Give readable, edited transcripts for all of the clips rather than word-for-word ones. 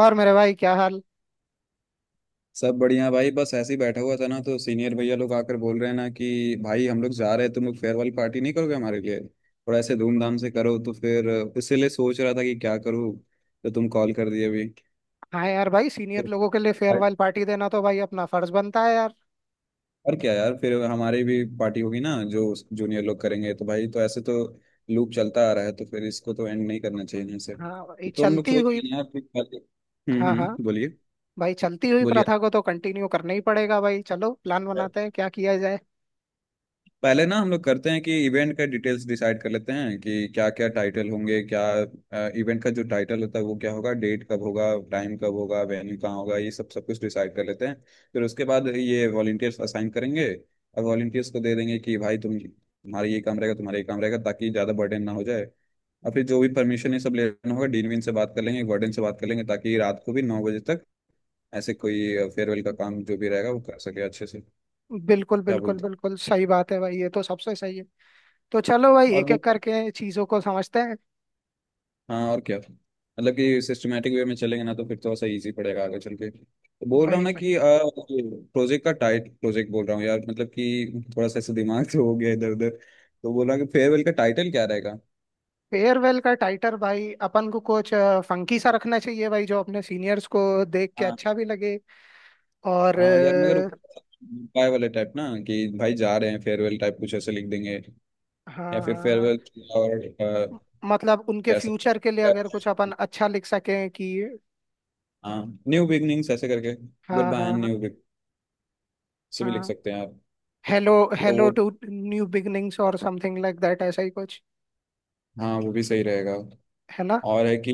और मेरे भाई क्या हाल। सब बढ़िया भाई, बस ऐसे ही बैठा हुआ था ना। तो सीनियर भैया लोग आकर बोल रहे हैं ना कि भाई हम लोग जा रहे हैं, तुम लोग फेयरवेल पार्टी नहीं करोगे हमारे लिए, और ऐसे धूमधाम से करो। तो फिर इसीलिए सोच रहा था कि क्या करूँ, तो तुम कॉल कर दिए अभी। हाँ यार, भाई तो सीनियर लोगों के लिए भाई फेयरवेल पार्टी देना तो भाई अपना फर्ज बनता है यार। और क्या यार, फिर हमारी भी पार्टी होगी ना जो जूनियर लोग करेंगे, तो भाई तो ऐसे तो लूप चलता आ रहा है। तो फिर इसको तो एंड नहीं करना चाहिए ना सर। हाँ ये तो हम लोग चलती सोच हुई। रहे हैं यार कि- हाँ हाँ। हम्म, बोलिए भाई चलती हुई बोलिए। प्रथा को तो कंटिन्यू करना ही पड़ेगा भाई, चलो प्लान बनाते हैं क्या किया जाए। पहले ना हम लोग करते हैं कि इवेंट का डिटेल्स डिसाइड कर लेते हैं कि क्या क्या टाइटल होंगे, क्या इवेंट का जो टाइटल होता है वो क्या होगा, डेट कब होगा, टाइम कब होगा, वेन्यू कहाँ होगा, ये सब सब कुछ डिसाइड कर लेते हैं। फिर उसके बाद ये वॉलंटियर्स असाइन करेंगे और वॉलंटियर्स को दे देंगे कि भाई तुम, तुम्हारा ये काम रहेगा, तुम्हारा ये काम रहेगा, ताकि ज़्यादा बर्डन ना हो जाए। और फिर जो भी परमिशन ये सब लेना होगा, डीन वीन से बात कर लेंगे, वार्डन से बात कर लेंगे, ताकि रात को भी 9 बजे तक ऐसे कोई फेयरवेल का काम जो भी रहेगा वो कर सके अच्छे से। बिल्कुल क्या बिल्कुल बोलते बिल्कुल, सही बात है भाई, ये तो सबसे सही है। तो चलो भाई, हो? और एक वो एक करके चीजों को समझते हैं। हाँ, और क्या मतलब कि सिस्टमेटिक वे में चलेंगे ना तो फिर थोड़ा सा इजी पड़ेगा आगे चल के, तो बोल रहा हूँ भाई ना भाई, कि प्रोजेक्ट का टाइट, प्रोजेक्ट बोल रहा हूँ यार, मतलब कि थोड़ा सा ऐसे दिमाग तो हो गया इधर उधर। तो बोल रहा हूँ कि फेयरवेल का टाइटल क्या रहेगा। फेयरवेल का टाइटल भाई अपन को कुछ फंकी सा रखना चाहिए भाई, जो अपने सीनियर्स को देख के हाँ अच्छा भी लगे। और हाँ यार, मगर अ, उपाय वाले टाइप ना कि भाई जा रहे हैं फेयरवेल टाइप कुछ ऐसे लिख देंगे, या हाँ फिर हाँ, फेयरवेल और मतलब उनके क्या सब। फ्यूचर के लिए अगर कुछ अपन अच्छा लिख सकें कि। हाँ, न्यू बिगनिंग्स ऐसे करके, गुड हाँ बाय एंड हाँ न्यू बिग से भी लिख हाँ। सकते हैं आप। हेलो। तो हेलो वो टू। न्यू बिगनिंग्स और समथिंग लाइक दैट, ऐसा ही कुछ। हाँ, वो भी सही रहेगा। है ना। और है कि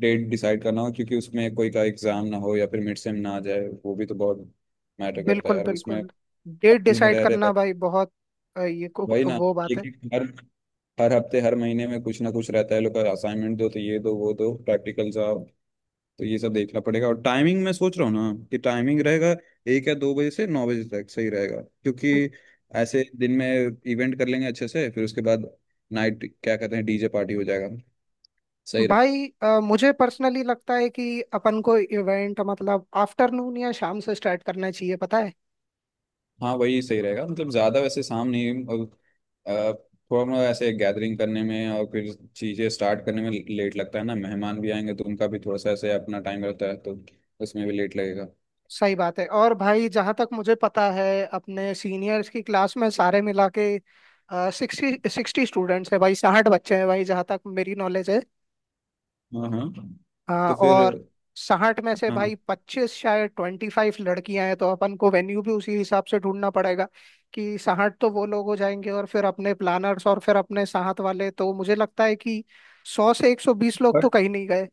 डेट डिसाइड करना हो क्योंकि उसमें कोई का एग्जाम ना हो या फिर मिड सेम ना आ जाए, वो भी तो बहुत मैटर करता है बिल्कुल यार उसमें, बिल्कुल। डेट कॉलेज में डिसाइड रह रहे भाई। करना भाई बहुत अ, ये को वही ना, वो बात है। एक एक, हर हर हफ्ते हर महीने में कुछ ना कुछ रहता है, लोग का असाइनमेंट दो तो ये दो वो दो, प्रैक्टिकल्स आओ, तो ये सब देखना पड़ेगा। और टाइमिंग मैं सोच रहा हूँ ना कि टाइमिंग रहेगा 1 या 2 बजे से 9 बजे तक सही रहेगा, क्योंकि ऐसे दिन में इवेंट कर लेंगे अच्छे से, फिर उसके बाद नाइट क्या कहते हैं डीजे पार्टी हो जाएगा। सही। भाई मुझे पर्सनली लगता है कि अपन को इवेंट मतलब आफ्टरनून या शाम से स्टार्ट करना चाहिए, पता है। हाँ वही सही रहेगा, मतलब ज़्यादा वैसे शाम नहीं, और अ, थोड़ा मोड़ा ऐसे गैदरिंग करने में और फिर चीज़ें स्टार्ट करने में लेट लगता है ना, मेहमान भी आएंगे तो उनका भी थोड़ा सा ऐसे अपना टाइम रहता है, तो उसमें भी लेट लगेगा। सही बात है। और भाई जहाँ तक मुझे पता है, अपने सीनियर्स की क्लास में सारे मिला के सिक्सटी सिक्सटी स्टूडेंट्स हैं भाई, 60 बच्चे हैं भाई, जहाँ तक मेरी नॉलेज है। हाँ हाँ, तो फिर और 60 में से हाँ, भाई 25, शायद 25 लड़कियां हैं, तो अपन को वेन्यू भी उसी हिसाब से ढूंढना पड़ेगा कि 60 तो वो लोग हो जाएंगे, और फिर अपने प्लानर्स और फिर अपने साथ वाले, तो मुझे लगता है कि 100 से 120 लोग तो पर कहीं नहीं गए।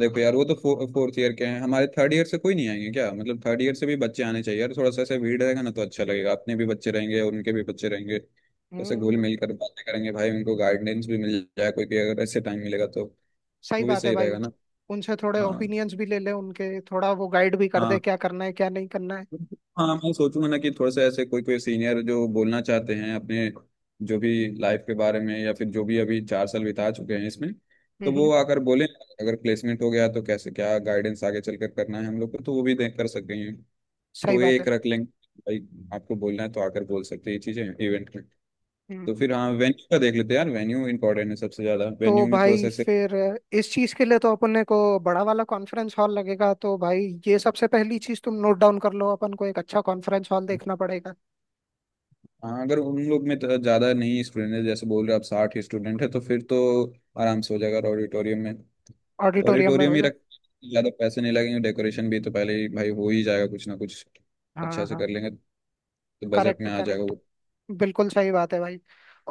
देखो यार, वो तो फोर्थ ईयर के हैं, हमारे थर्ड ईयर से कोई नहीं आएंगे क्या? मतलब थर्ड ईयर से भी बच्चे आने चाहिए यार, थोड़ा सा ऐसे भीड़ रहेगा ना तो अच्छा लगेगा, अपने भी बच्चे रहेंगे और उनके भी बच्चे रहेंगे, तो ऐसे घुल हम्म। मिल कर बातें करेंगे भाई, उनको गाइडेंस भी मिल जाए, कोई भी अगर ऐसे टाइम मिलेगा तो सही वो भी बात है सही भाई। रहेगा ना। उनसे थोड़े हाँ ओपिनियंस भी ले ले, उनके थोड़ा वो गाइड भी कर दे हाँ, क्या करना है क्या नहीं करना है। हाँ मैं सोचूंगा ना कि थोड़ा सा ऐसे कोई कोई सीनियर जो बोलना चाहते हैं अपने, जो भी लाइफ के बारे में, या फिर जो भी अभी 4 साल बिता चुके हैं इसमें, तो हम्म। वो आकर बोले, अगर प्लेसमेंट हो गया तो कैसे, क्या गाइडेंस आगे चलकर करना है हम लोग को, तो वो भी देख कर सकते हैं। सही तो ये बात है। एक रख लेंगे, भाई आपको बोलना है तो आकर बोल सकते हैं ये चीजें इवेंट में। हम्म। तो फिर हाँ, वेन्यू का देख लेते हैं यार, वेन्यू इंपॉर्टेंट है सबसे ज्यादा, तो वेन्यू में थोड़ा भाई सा ऐसे। फिर इस चीज के लिए तो अपने को बड़ा वाला कॉन्फ्रेंस हॉल लगेगा, तो भाई ये सबसे पहली चीज तुम नोट डाउन कर लो, अपन को एक अच्छा कॉन्फ्रेंस हॉल देखना पड़ेगा। हाँ अगर उन लोग में तो ज़्यादा नहीं स्टूडेंट है, जैसे बोल रहे हो आप 60 स्टूडेंट है, तो फिर तो आराम से हो जाएगा ऑडिटोरियम में। तो ऑडिटोरियम में ऑडिटोरियम हो ही जाए। रख, ज़्यादा पैसे नहीं लगेंगे, डेकोरेशन भी तो पहले ही भाई हो ही जाएगा कुछ ना कुछ, अच्छा हाँ से हाँ। कर लेंगे, तो बजट करेक्ट में आ जाएगा करेक्ट। वो। बिल्कुल सही बात है भाई।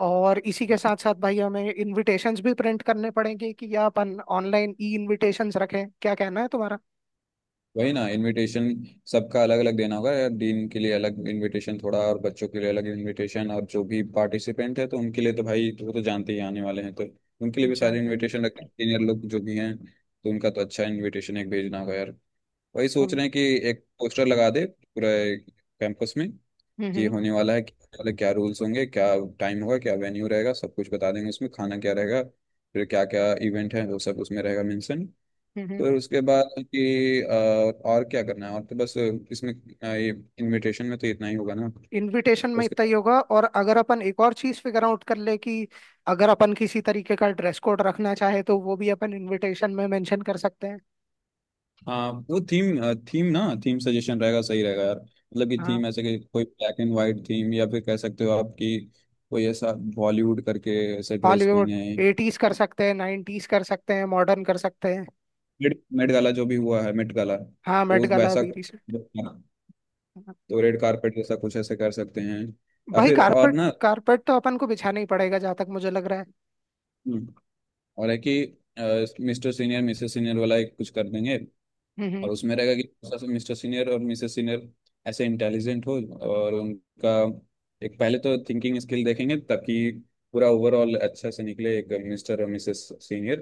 और इसी के साथ साथ भाई हमें इनविटेशंस भी प्रिंट करने पड़ेंगे कि या अपन ऑनलाइन ई इनविटेशंस रखें, क्या कहना है तुम्हारा। वही ना, इनविटेशन सबका अलग अलग देना होगा, या डीन के लिए अलग इनविटेशन थोड़ा, और बच्चों के लिए अलग इनविटेशन, और जो भी पार्टिसिपेंट है तो उनके लिए तो भाई वो तो जानते ही आने वाले हैं, तो उनके लिए भी सारे जानते इनविटेशन रखते हैं। हैं। सीनियर लोग जो भी हैं तो उनका तो अच्छा इनविटेशन एक भेजना होगा यार। वही सोच हम। रहे हैं कि एक पोस्टर लगा दे पूरे कैंपस में, कि हम्म होने वाला है क्या, वाला क्या रूल्स होंगे, क्या टाइम होगा, क्या वेन्यू रहेगा, सब कुछ बता देंगे उसमें, खाना क्या रहेगा, फिर क्या क्या इवेंट है, वो सब उसमें रहेगा मेंशन। हम्म। हम्म। फिर उसके बाद कि और क्या करना है, और तो बस इसमें अ, ये इनविटेशन में तो इतना ही होगा ना। इनविटेशन में उसके इतना ही बाद होगा, और अगर अपन एक और चीज फिगर आउट कर ले कि अगर अपन किसी तरीके का ड्रेस कोड रखना चाहे तो वो भी अपन इनविटेशन में मेंशन कर सकते हैं। हाँ, वो थीम थीम ना, थीम सजेशन रहेगा सही रहेगा यार, मतलब कि हाँ। थीम ऐसे कि कोई ब्लैक एंड वाइट थीम, या फिर कह सकते हो आप कि कोई ऐसा बॉलीवुड करके ऐसे ड्रेस हॉलीवुड, पहने। एटीज कर सकते हैं, नाइनटीज कर सकते हैं, मॉडर्न कर सकते हैं। मेट मेट गाला जो भी हुआ है, मेट गाला हाँ, तो मेट उस गाला वैसा, भी रिसेंट। तो रेड कारपेट जैसा कुछ ऐसे कर सकते हैं, या भाई फिर और कारपेट ना। कारपेट तो अपन को बिछाना ही पड़ेगा, जहाँ तक मुझे लग रहा है। हम्म, और है कि मिस्टर सीनियर मिसेस सीनियर वाला एक कुछ कर देंगे, हम्म। और उसमें रहेगा कि मिस्टर सीनियर और मिसेस सीनियर ऐसे इंटेलिजेंट हो और उनका एक पहले तो थिंकिंग स्किल देखेंगे, ताकि पूरा ओवरऑल अच्छा से निकले एक मिस्टर और मिसेस सीनियर।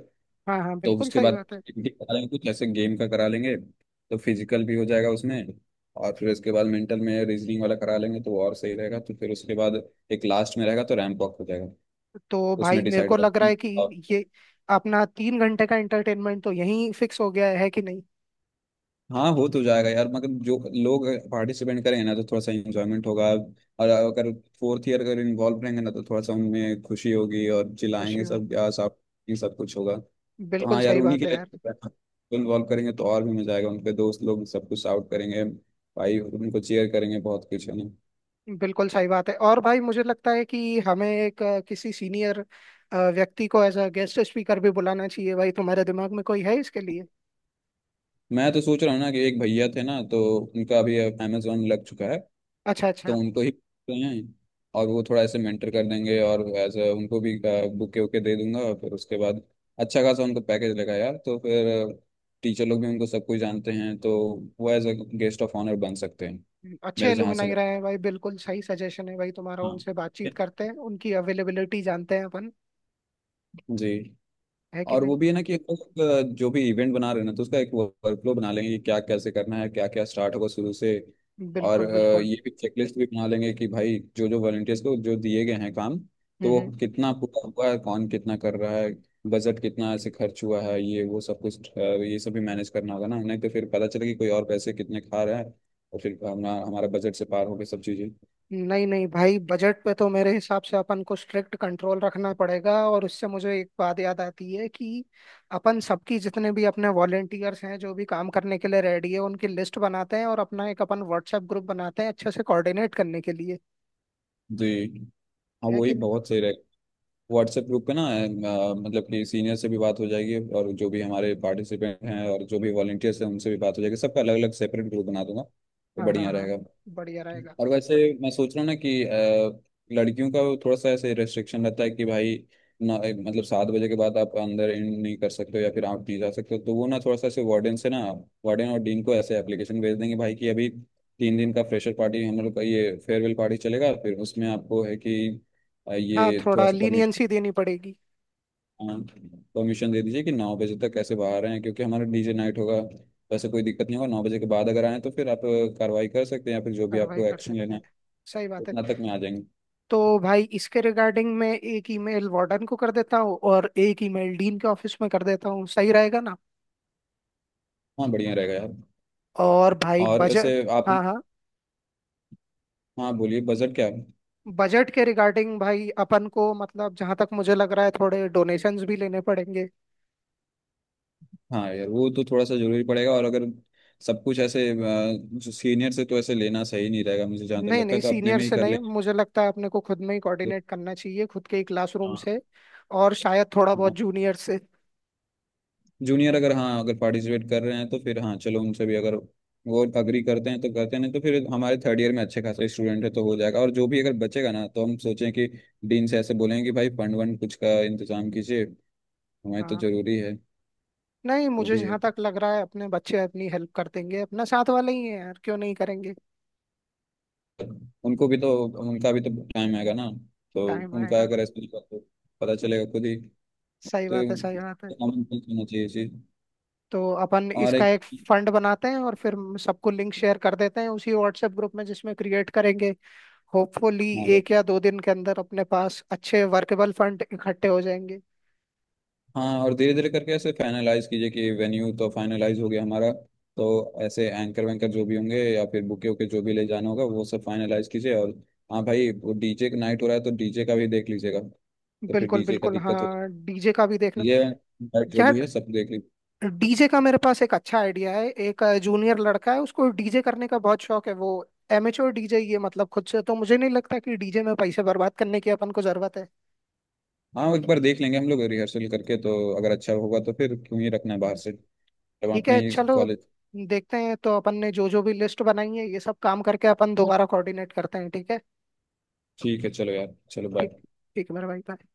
हाँ हाँ, तो बिल्कुल उसके सही बाद बात है। activity करा लेंगे, कुछ ऐसे गेम का करा लेंगे तो फिजिकल भी हो जाएगा उसमें, और फिर इसके बाद मेंटल में रीजनिंग वाला करा लेंगे तो और सही रहेगा। तो फिर उसके बाद एक लास्ट में रहेगा तो रैंप वॉक हो जाएगा, तो भाई उसमें मेरे डिसाइड को होगा लग रहा है कि कि और। ये अपना 3 घंटे का एंटरटेनमेंट तो यहीं फिक्स हो गया है कि नहीं। हाँ हो तो जाएगा यार, मगर जो लोग पार्टिसिपेंट करेंगे ना तो थोड़ा सा इंजॉयमेंट होगा, और अगर फोर्थ ईयर अगर इन्वॉल्व रहेंगे ना तो थोड़ा सा उनमें खुशी होगी और खुशी चिल्लाएंगे हो। सब या सब, ये सब कुछ होगा। तो बिल्कुल हाँ यार, सही उन्हीं बात के है यार। लिए इन्वॉल्व करेंगे तो और भी मजा आएगा, उनके दोस्त लोग सब कुछ आउट करेंगे भाई, उनको चेयर करेंगे, बहुत कुछ है ना। बिल्कुल सही बात है, और भाई मुझे लगता है कि हमें एक किसी सीनियर व्यक्ति को एज अ गेस्ट स्पीकर भी बुलाना चाहिए, भाई तुम्हारे दिमाग में कोई है इसके लिए। मैं तो सोच रहा हूँ ना कि एक भैया थे ना, तो उनका अभी अमेजोन लग चुका है अच्छा तो अच्छा। उनको ही करते हैं, और वो थोड़ा ऐसे मेंटर कर देंगे, और एज उनको भी बुके वुके दे दूंगा। फिर उसके बाद अच्छा खासा उनको पैकेज लगा यार, तो फिर टीचर लोग भी उनको सब कुछ जानते हैं, तो वो as a guest of honour बन सकते हैं। अच्छे मेरे जहाँ से एलुमनाई रहे लगता हैं भाई, बिल्कुल सही सजेशन है भाई तुम्हारा, है, हाँ उनसे बातचीत करते हैं, उनकी अवेलेबिलिटी जानते हैं अपन। जी। है कि और वो नहीं। भी है ना कि हम लोग, जो भी इवेंट बना रहे हैं ना तो उसका एक वर्कफ्लो बना लेंगे, कि क्या कैसे करना है, क्या क्या स्टार्ट होगा शुरू से, और बिल्कुल बिल्कुल। ये भी चेकलिस्ट भी बना लेंगे कि भाई जो जो वॉलंटियर्स को जो दिए गए हैं काम, तो वो हम्म। कितना पूरा हुआ है, कौन कितना कर रहा है, बजट कितना ऐसे खर्च हुआ है, ये वो सब कुछ ये सब भी मैनेज करना होगा ना, नहीं तो फिर पता चले कि कोई और पैसे कितने खा रहा है, और फिर हमारा हमारा बजट से पार हो गए सब चीज़ें। नहीं नहीं भाई, बजट पे तो मेरे हिसाब से अपन को स्ट्रिक्ट कंट्रोल रखना पड़ेगा, और उससे मुझे एक बात याद आती है कि अपन सबकी, जितने भी अपने वॉलेंटियर्स हैं जो भी काम करने के लिए रेडी है, उनकी लिस्ट बनाते हैं और अपना एक अपन व्हाट्सएप ग्रुप बनाते हैं अच्छे से कोऑर्डिनेट करने के लिए। जी हाँ, है कि वही नहीं। बहुत सही रहेगा। व्हाट्सएप ग्रुप पे ना मतलब कि सीनियर से भी बात हो जाएगी, और जो भी हमारे पार्टिसिपेंट हैं और जो भी वॉलंटियर्स हैं उनसे भी बात हो जाएगी, सबका अलग अलग सेपरेट ग्रुप बना दूंगा तो हाँ हाँ बढ़िया हाँ, रहेगा। बढ़िया रहेगा। और वैसे मैं सोच रहा हूँ ना कि लड़कियों का थोड़ा सा ऐसे रेस्ट्रिक्शन रहता है कि भाई ना मतलब 7 बजे के बाद आप अंदर इन नहीं कर सकते हो या फिर आप नहीं जा सकते हो, तो वो ना थोड़ा सा ऐसे वार्डन से ना, वार्डन और डीन को ऐसे एप्लीकेशन भेज देंगे भाई कि अभी 3 दिन का फ्रेशर पार्टी हम लोग का ये फेयरवेल पार्टी चलेगा, फिर उसमें आपको है कि हाँ ये थोड़ा थोड़ा सा परमिशन, लीनियंसी देनी पड़ेगी। परमिशन दे दीजिए कि 9 बजे तक कैसे बाहर आए, क्योंकि हमारा डीजे हम्म। नाइट होगा। वैसे कोई दिक्कत नहीं होगा, 9 बजे के बाद अगर आए तो फिर आप कार्रवाई कर सकते हैं या फिर जो भी कार्रवाई आपको कर एक्शन सकते लेना हैं। है, सही बात है। उतना तक में आ जाएंगे। तो भाई इसके रिगार्डिंग मैं एक ईमेल वार्डन को कर देता हूँ और एक ईमेल डीन के ऑफिस में कर देता हूँ, सही रहेगा ना। हाँ बढ़िया रहेगा यार। और भाई और बजट। ऐसे आप, हाँ हाँ। हाँ बोलिए बजट क्या है? बजट के रिगार्डिंग भाई अपन को, मतलब जहां तक मुझे लग रहा है, थोड़े डोनेशंस भी लेने पड़ेंगे। हाँ यार वो तो थोड़ा सा जरूरी पड़ेगा, और अगर सब कुछ ऐसे जो सीनियर से तो ऐसे लेना सही नहीं रहेगा, मुझे जहाँ तक नहीं लगता नहीं, है तो अपने सीनियर में ही से कर नहीं, मुझे लगता है अपने को खुद में ही लेंगे। कोऑर्डिनेट करना चाहिए, खुद के ही क्लासरूम हाँ से। और शायद थोड़ा बहुत जूनियर से। जूनियर, अगर हाँ अगर पार्टिसिपेट कर रहे हैं तो फिर हाँ चलो, उनसे भी अगर वो अग्री करते हैं तो करते हैं, नहीं तो फिर हमारे थर्ड ईयर में अच्छे खासे स्टूडेंट है तो हो जाएगा, और जो भी अगर बचेगा ना तो हम सोचें कि डीन से ऐसे बोलेंगे कि भाई फंड वंड कुछ का इंतजाम कीजिए, हमारे तो हाँ। जरूरी है। नहीं वो मुझे भी है, जहां तक लग रहा है अपने बच्चे अपनी हेल्प कर देंगे, अपना साथ वाले ही है यार, क्यों नहीं करेंगे। उनको भी तो, उनका भी तो टाइम आएगा ना, तो टाइम उनका आएगा। अगर ऐसा होगा तो पता चलेगा खुद ही। सही बात है, सही बात है। तो हमें करना चाहिए ये चीज। तो अपन और इसका एक एक फंड बनाते हैं और फिर सबको लिंक शेयर कर देते हैं उसी व्हाट्सएप ग्रुप में जिसमें क्रिएट करेंगे। होपफुली हाँ, एक या दो दिन के अंदर अपने पास अच्छे वर्केबल फंड इकट्ठे हो जाएंगे। हाँ और धीरे धीरे करके ऐसे फाइनलाइज कीजिए कि वेन्यू तो फाइनलाइज हो गया हमारा, तो ऐसे एंकर वैंकर जो भी होंगे या फिर बुके वुके जो भी ले जाना होगा वो सब फाइनलाइज कीजिए, और हाँ भाई वो डीजे का नाइट हो रहा है तो डीजे का भी देख लीजिएगा, तो फिर बिल्कुल डीजे का बिल्कुल, दिक्कत हो, हाँ डीजे का भी देखना ये नाइट जो भी यार। है सब देख लीजिए। डीजे का मेरे पास एक अच्छा आइडिया है, एक जूनियर लड़का है उसको डीजे करने का बहुत शौक है, वो एमेच्योर डीजे ये मतलब खुद से, तो मुझे नहीं लगता कि डीजे में पैसे बर्बाद करने की अपन को जरूरत है। हाँ एक बार देख लेंगे हम लोग रिहर्सल करके, तो अगर अच्छा होगा तो फिर क्यों ही रखना है बाहर हम्म। से, जब ठीक अपने है ही चलो कॉलेज। देखते हैं, तो अपन ने जो जो भी लिस्ट बनाई है ये सब काम करके अपन दोबारा कोऑर्डिनेट करते हैं, ठीक है। ठीक है चलो यार, चलो ठीक। बाय। ठीक है मेरे भाई, bye।